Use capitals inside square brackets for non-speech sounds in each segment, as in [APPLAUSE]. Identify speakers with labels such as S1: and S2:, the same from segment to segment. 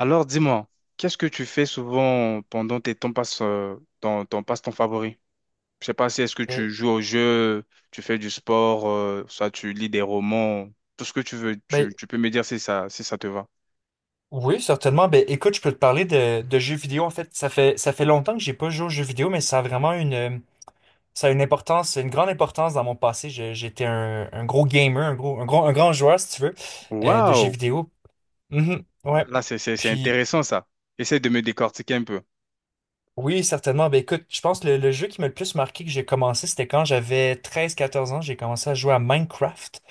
S1: Alors dis-moi, qu'est-ce que tu fais souvent pendant tes temps passe, ton, passe-temps favori? Je sais pas si est-ce que
S2: Ben,
S1: tu joues au jeu, tu fais du sport, soit tu lis des romans, tout ce que tu veux,
S2: ben,
S1: tu peux me dire si ça, si ça te va.
S2: oui, certainement. Ben, écoute, je peux te parler de jeux vidéo. En fait, ça fait longtemps que j'ai pas joué aux jeux vidéo, mais ça a vraiment une, ça a une importance, une grande importance dans mon passé. J'étais un gros gamer, un grand joueur, si tu veux, de jeux
S1: Waouh!
S2: vidéo. Mhm, ouais.
S1: Là, c'est
S2: Puis,
S1: intéressant ça. Essaye de me décortiquer un peu.
S2: oui, certainement. Ben, écoute, je pense que le jeu qui m'a le plus marqué que j'ai commencé, c'était quand j'avais 13 14 ans. J'ai commencé à jouer à Minecraft.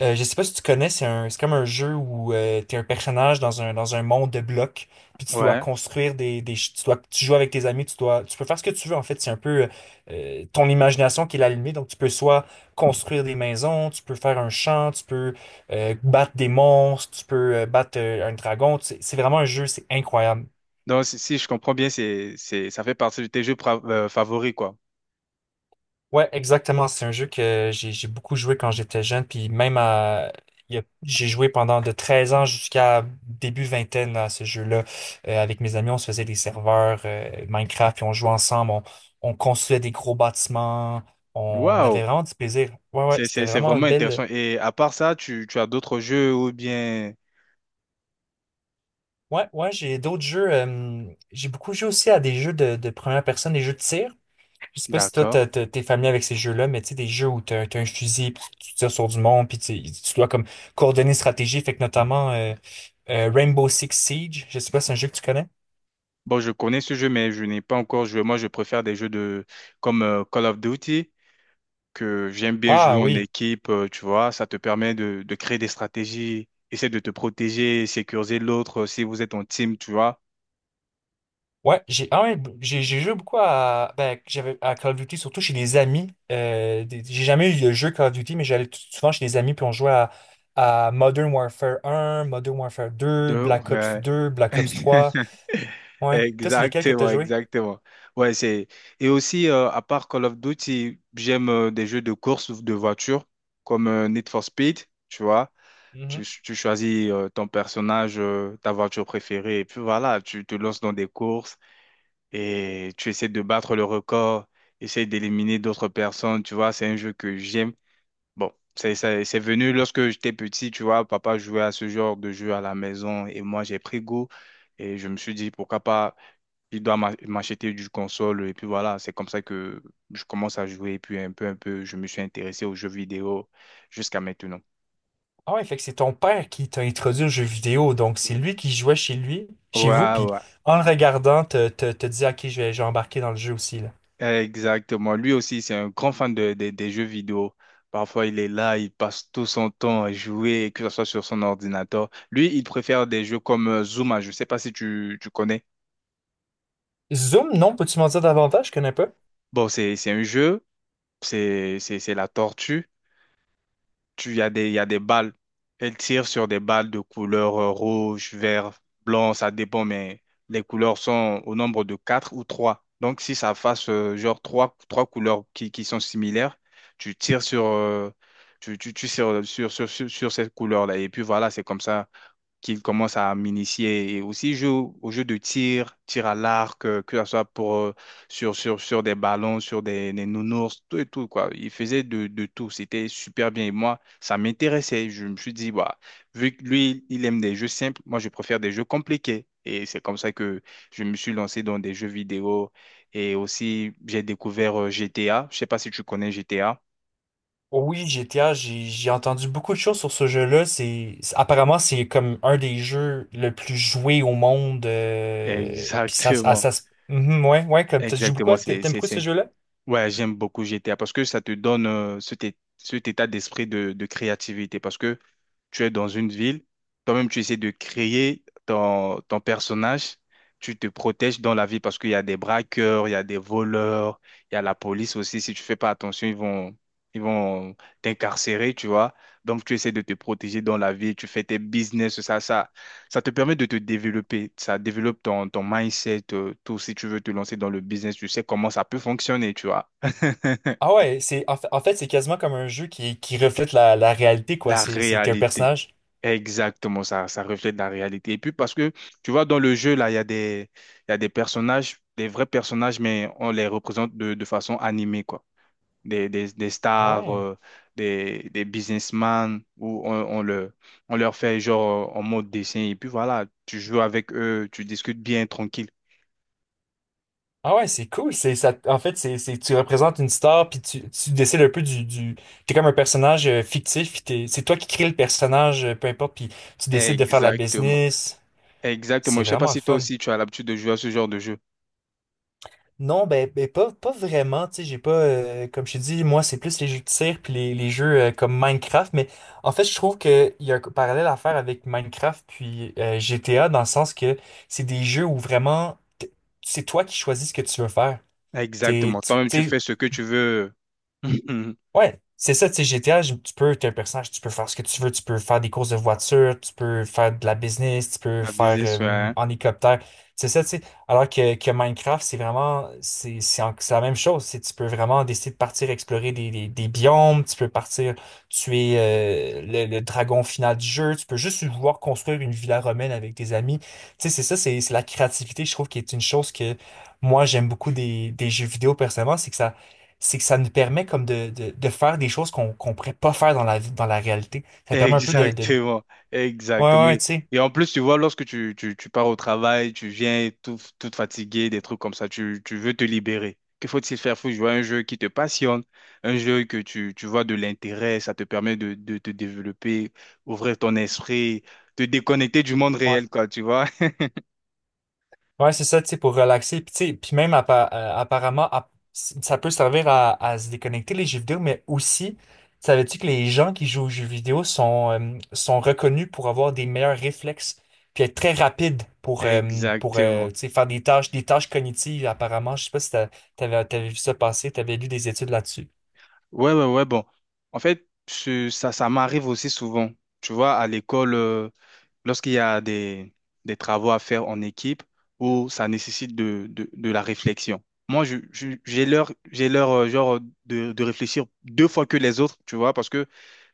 S2: Je sais pas si tu connais, c'est comme un jeu où t'es un personnage dans un monde de blocs, puis tu dois
S1: Ouais.
S2: construire des, ch- tu dois, tu joues avec tes amis, tu peux faire ce que tu veux en fait. C'est un peu ton imagination qui est la limite. Donc tu peux soit construire des maisons, tu peux faire un champ, tu peux battre des monstres, tu peux battre un dragon. C'est vraiment un jeu, c'est incroyable.
S1: Donc si, si je comprends bien, ça fait partie de tes jeux favoris, quoi.
S2: Ouais, exactement. C'est un jeu que j'ai beaucoup joué quand j'étais jeune, puis même à il y a- j'ai joué pendant de 13 ans jusqu'à début vingtaine à ce jeu-là. Avec mes amis, on se faisait des serveurs Minecraft, puis on jouait ensemble, on construisait des gros bâtiments, on
S1: Waouh!
S2: avait vraiment du plaisir. Ouais, ouais, c'était
S1: C'est
S2: vraiment une
S1: vraiment intéressant.
S2: belle.
S1: Et à part ça, tu as d'autres jeux ou bien...
S2: Ouais, ouais, j'ai d'autres jeux. J'ai beaucoup joué aussi à des jeux de première personne, des jeux de tir. Je sais pas si toi,
S1: D'accord.
S2: t'es familier avec ces jeux-là, mais tu sais, des jeux où t'as un fusil, puis tu tires sur du monde, puis tu dois comme coordonner une stratégie, fait que notamment Rainbow Six Siege, je sais pas si c'est un jeu que tu connais.
S1: Bon, je connais ce jeu, mais je n'ai pas encore joué. Moi, je préfère des jeux de comme Call of Duty, que j'aime bien
S2: Ah
S1: jouer en
S2: oui.
S1: équipe, tu vois. Ça te permet de créer des stratégies, essayer de te protéger, sécuriser l'autre si vous êtes en team, tu vois.
S2: Ouais, j'ai ah ouais, j'ai joué beaucoup à ben j'avais à Call of Duty surtout chez des amis. J'ai jamais eu le jeu Call of Duty mais j'allais souvent chez des amis puis on jouait à Modern Warfare 1 Modern Warfare 2
S1: De...
S2: Black Ops
S1: ouais.
S2: deux Black Ops
S1: [LAUGHS]
S2: trois Ouais, toi c'est lesquels que t'as
S1: Exactement,
S2: joué?
S1: exactement. Ouais, c'est... Et aussi, à part Call of Duty, j'aime des jeux de course ou de voiture, comme Need for Speed, tu vois. Tu choisis ton personnage, ta voiture préférée, et puis voilà, tu te lances dans des courses et tu essaies de battre le record, essaies d'éliminer d'autres personnes, tu vois. C'est un jeu que j'aime. Bon, c'est venu lorsque j'étais petit, tu vois. Papa jouait à ce genre de jeu à la maison et moi, j'ai pris goût. Et je me suis dit, pourquoi pas il doit m'acheter du console et puis voilà, c'est comme ça que je commence à jouer et puis un peu, je me suis intéressé aux jeux vidéo jusqu'à maintenant.
S2: Ah ouais, fait que c'est ton père qui t'a introduit aux jeux vidéo, donc c'est lui qui jouait chez lui, chez vous,
S1: Ouais,
S2: puis
S1: ouais,
S2: en le regardant, te dit, OK, je vais embarquer dans le jeu aussi, là.
S1: exactement. Lui aussi, c'est un grand fan de, des jeux vidéo. Parfois, il est là, il passe tout son temps à jouer, que ce soit sur son ordinateur. Lui, il préfère des jeux comme Zuma, je ne sais pas si tu connais.
S2: Zoom, non, peux-tu m'en dire davantage? Je connais pas.
S1: Bon, c'est un jeu, c'est la tortue. Tu y a des balles. Elle tire sur des balles de couleur rouge, vert, blanc, ça dépend, mais les couleurs sont au nombre de quatre ou trois. Donc, si ça fasse genre trois, trois couleurs qui sont similaires, tu tires sur, tu tires sur cette couleur-là. Et puis voilà, c'est comme ça qu'il commence à m'initier et aussi joue au jeu de tir, tir à l'arc, que ce soit pour, sur des ballons, sur des nounours, tout et tout, quoi. Il faisait de tout, c'était super bien. Et moi, ça m'intéressait. Je me suis dit, bah, vu que lui, il aime des jeux simples, moi, je préfère des jeux compliqués. Et c'est comme ça que je me suis lancé dans des jeux vidéo. Et aussi, j'ai découvert GTA. Je sais pas si tu connais GTA.
S2: Oui, GTA, j'ai entendu beaucoup de choses sur ce jeu-là. Apparemment, c'est comme un des jeux le plus joué au monde. Puis ça, s- ah,
S1: Exactement.
S2: ça, se- Mhm, ouais, ouais, comme tu joues beaucoup,
S1: Exactement,
S2: t'aimes beaucoup ce jeu-là?
S1: Ouais, j'aime beaucoup GTA parce que ça te donne cet état d'esprit de créativité. Parce que tu es dans une ville, toi-même tu essaies de créer ton, ton personnage, tu te protèges dans la ville parce qu'il y a des braqueurs, il y a des voleurs, il y a la police aussi, si tu fais pas attention, ils vont t'incarcérer, tu vois. Donc tu essaies de te protéger dans la ville, tu fais tes business, ça te permet de te développer, ça développe ton, ton mindset, tout, si tu veux te lancer dans le business, tu sais comment ça peut fonctionner, tu vois. [LAUGHS]
S2: Ah ouais, c'est, en fait, c'est quasiment comme un jeu qui reflète la réalité, quoi.
S1: La
S2: C'est T'es un
S1: réalité.
S2: personnage.
S1: Exactement, ça reflète la réalité. Et puis parce que, tu vois, dans le jeu, là, il y a des personnages, des vrais personnages, mais on les représente de façon animée, quoi. Des
S2: Ah
S1: stars,
S2: ouais.
S1: des businessmen, où on, le, on leur fait genre en mode dessin. Et puis voilà, tu joues avec eux, tu discutes bien, tranquille.
S2: Ah ouais, c'est cool. C'est ça. En fait, c'est tu représentes une star puis tu décides un peu du. T'es comme un personnage fictif. C'est toi qui crée le personnage, peu importe. Puis tu décides de faire la
S1: Exactement.
S2: business. C'est
S1: Exactement. Je sais pas
S2: vraiment le
S1: si toi
S2: fun.
S1: aussi, tu as l'habitude de jouer à ce genre de jeu.
S2: Non, ben pas vraiment. Tu sais, j'ai pas comme je t'ai dit, moi c'est plus les jeux de tir puis les jeux comme Minecraft. Mais en fait, je trouve que il y a un parallèle à faire avec Minecraft puis GTA dans le sens que c'est des jeux où vraiment c'est toi qui choisis ce que tu veux faire. T'es,
S1: Exactement. Toi-même, tu fais ce que tu veux. [LAUGHS]
S2: Ouais, c'est ça, tu sais, GTA, tu peux, t'es un personnage, tu peux faire ce que tu veux, tu peux faire des courses de voiture, tu peux faire de la business, tu peux
S1: Ma
S2: faire
S1: business, ouais, hein.
S2: en hélicoptère. C'est ça, tu sais. Alors que Minecraft, c'est vraiment, c'est la même chose. C'est, tu peux vraiment décider de partir explorer des biomes, tu peux partir tuer le dragon final du jeu, tu peux juste vouloir construire une villa romaine avec tes amis. Tu sais, c'est ça, c'est la créativité, je trouve, qui est une chose que moi, j'aime beaucoup des jeux vidéo personnellement, c'est que ça nous permet comme de faire des choses qu'on pourrait pas faire dans la vie, dans la réalité. Ça permet un peu.
S1: Exactement,
S2: Ouais,
S1: exactement.
S2: ouais, tu sais.
S1: Et en plus, tu vois, lorsque tu pars au travail, tu viens tout, tout fatigué, des trucs comme ça, tu veux te libérer. Que faut-il faire? Faut jouer à un jeu qui te passionne, un jeu que tu vois de l'intérêt, ça te permet de te développer, ouvrir ton esprit, te déconnecter du monde
S2: Ouais,
S1: réel, quoi, tu vois. [LAUGHS]
S2: ouais, c'est ça, tu sais, pour relaxer. Puis, tu sais, puis même apparemment, ça peut servir à se déconnecter les jeux vidéo, mais aussi, savais-tu que les gens qui jouent aux jeux vidéo sont reconnus pour avoir des meilleurs réflexes, puis être très rapides pour,
S1: Exactement.
S2: tu sais, faire des tâches cognitives, apparemment. Je sais pas si t'avais vu ça passer, t'avais lu des études là-dessus.
S1: Ouais, ouais, ouais, bon. En fait, ça m'arrive aussi souvent. Tu vois, à l'école. Lorsqu'il y a des travaux à faire en équipe où ça nécessite de la réflexion. Moi, j'ai l'heure, genre, de réfléchir deux fois que les autres, tu vois, parce que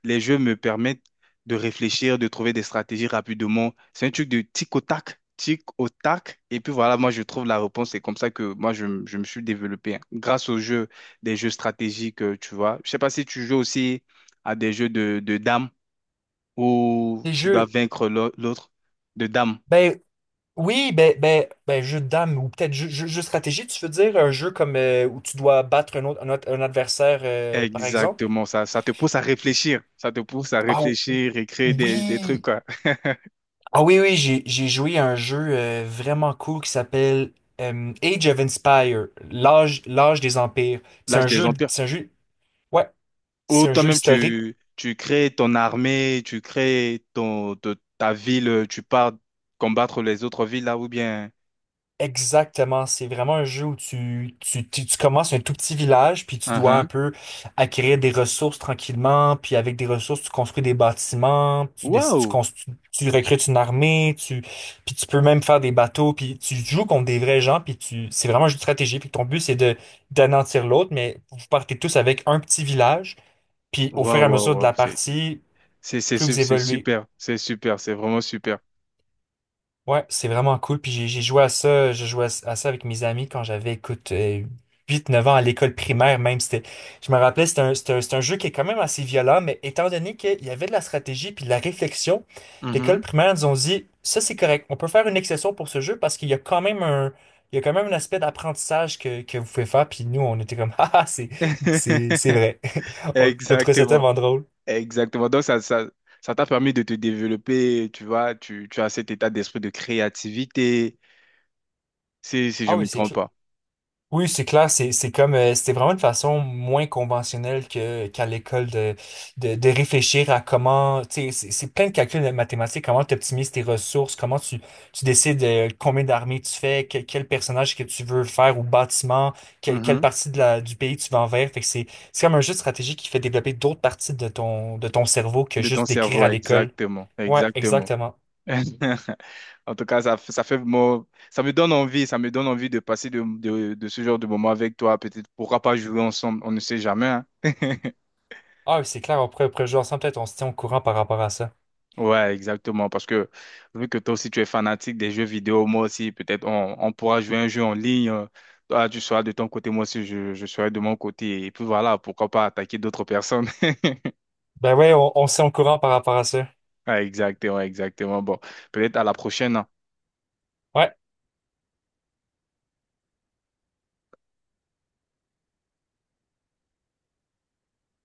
S1: les jeux me permettent de réfléchir, de trouver des stratégies rapidement. C'est un truc de tic au tac, tic au tac. Et puis voilà, moi, je trouve la réponse. C'est comme ça que moi, je me suis développé, hein, grâce aux jeux, des jeux stratégiques, tu vois. Je sais pas si tu joues aussi à des jeux de dames où
S2: Les
S1: tu dois
S2: jeux.
S1: vaincre l'autre de dame.
S2: Ben, Oui, jeu de dame ou peut-être jeu de stratégie, tu veux dire un jeu comme où tu dois battre un adversaire, par exemple?
S1: Exactement, ça te pousse à réfléchir, ça te pousse à
S2: Ah
S1: réfléchir et créer des trucs,
S2: oui!
S1: quoi. [LAUGHS]
S2: Ah oui, oui, j'ai joué à un jeu vraiment cool qui s'appelle Age of Empire, l'âge des empires. C'est
S1: L'âge
S2: un
S1: des
S2: jeu,
S1: empires.
S2: c'est un jeu, ouais,
S1: Ou
S2: c'est un jeu
S1: toi-même,
S2: historique.
S1: tu crées ton armée, tu crées ton, ta ville, tu pars combattre les autres villes là, ou bien.
S2: Exactement, c'est vraiment un jeu où tu commences un tout petit village, puis tu dois un
S1: Uhum.
S2: peu acquérir des ressources tranquillement, puis avec des ressources, tu construis des bâtiments,
S1: Waouh!
S2: tu recrutes une armée, puis tu peux même faire des bateaux, puis tu joues contre des vrais gens, puis c'est vraiment un jeu de stratégie, puis ton but c'est de d'anéantir l'autre, mais vous partez tous avec un petit village, puis au fur et à
S1: Waouh, waouh,
S2: mesure de
S1: waouh,
S2: la partie, plus vous
S1: c'est
S2: évoluez.
S1: super, c'est super, c'est vraiment super.
S2: Ouais, c'est vraiment cool. Puis j'ai joué à ça, je jouais à ça avec mes amis quand j'avais, écoute, 8 9 ans à l'école primaire même. C'était, je me rappelais, c'est un jeu qui est quand même assez violent, mais étant donné qu'il y avait de la stratégie puis de la réflexion, l'école
S1: Mhm.
S2: primaire nous ont dit, ça c'est correct, on peut faire une exception pour ce jeu parce qu'il y a quand même un aspect d'apprentissage que vous pouvez faire. Puis nous, on était comme, [LAUGHS]
S1: [LAUGHS]
S2: c'est vrai. [LAUGHS] On trouvait ça
S1: Exactement.
S2: tellement drôle.
S1: Exactement. Donc, ça t'a permis de te développer, tu vois, tu as cet état d'esprit de créativité, si, si je
S2: Ah
S1: ne
S2: oui,
S1: me
S2: c'est
S1: trompe
S2: clair.
S1: pas.
S2: Oui, c'est clair, c'est comme c'était vraiment une façon moins conventionnelle que qu'à l'école de réfléchir à comment, tu sais, c'est plein de calculs de mathématiques, comment tu optimises tes ressources, comment tu décides combien d'armées tu fais, quel personnage que tu veux faire ou bâtiment, quelle
S1: Mhm.
S2: partie de la du pays tu vas envers. Fait que c'est comme un jeu de stratégie qui fait développer d'autres parties de ton cerveau que
S1: De ton
S2: juste d'écrire
S1: cerveau,
S2: à l'école.
S1: exactement,
S2: Ouais,
S1: exactement.
S2: exactement.
S1: [LAUGHS] En tout cas, ça fait, ça me donne envie, ça me donne envie de passer de, de ce genre de moment avec toi. Peut-être, pourra pas jouer ensemble, on ne sait jamais, hein. [LAUGHS]
S2: Ah, oui, c'est clair, on pourrait jouer ensemble, peut-être on se tient au courant par rapport à ça.
S1: Ouais, exactement. Parce que vu que toi aussi tu es fanatique des jeux vidéo, moi aussi, peut-être on pourra jouer un jeu en ligne. Toi, tu seras de ton côté, moi aussi, je serai de mon côté. Et puis voilà, pourquoi pas attaquer d'autres personnes. [LAUGHS]
S2: Ben ouais, on se tient au courant par rapport à ça.
S1: Ouais, exactement, exactement. Bon, peut-être à la prochaine, hein.
S2: Ouais.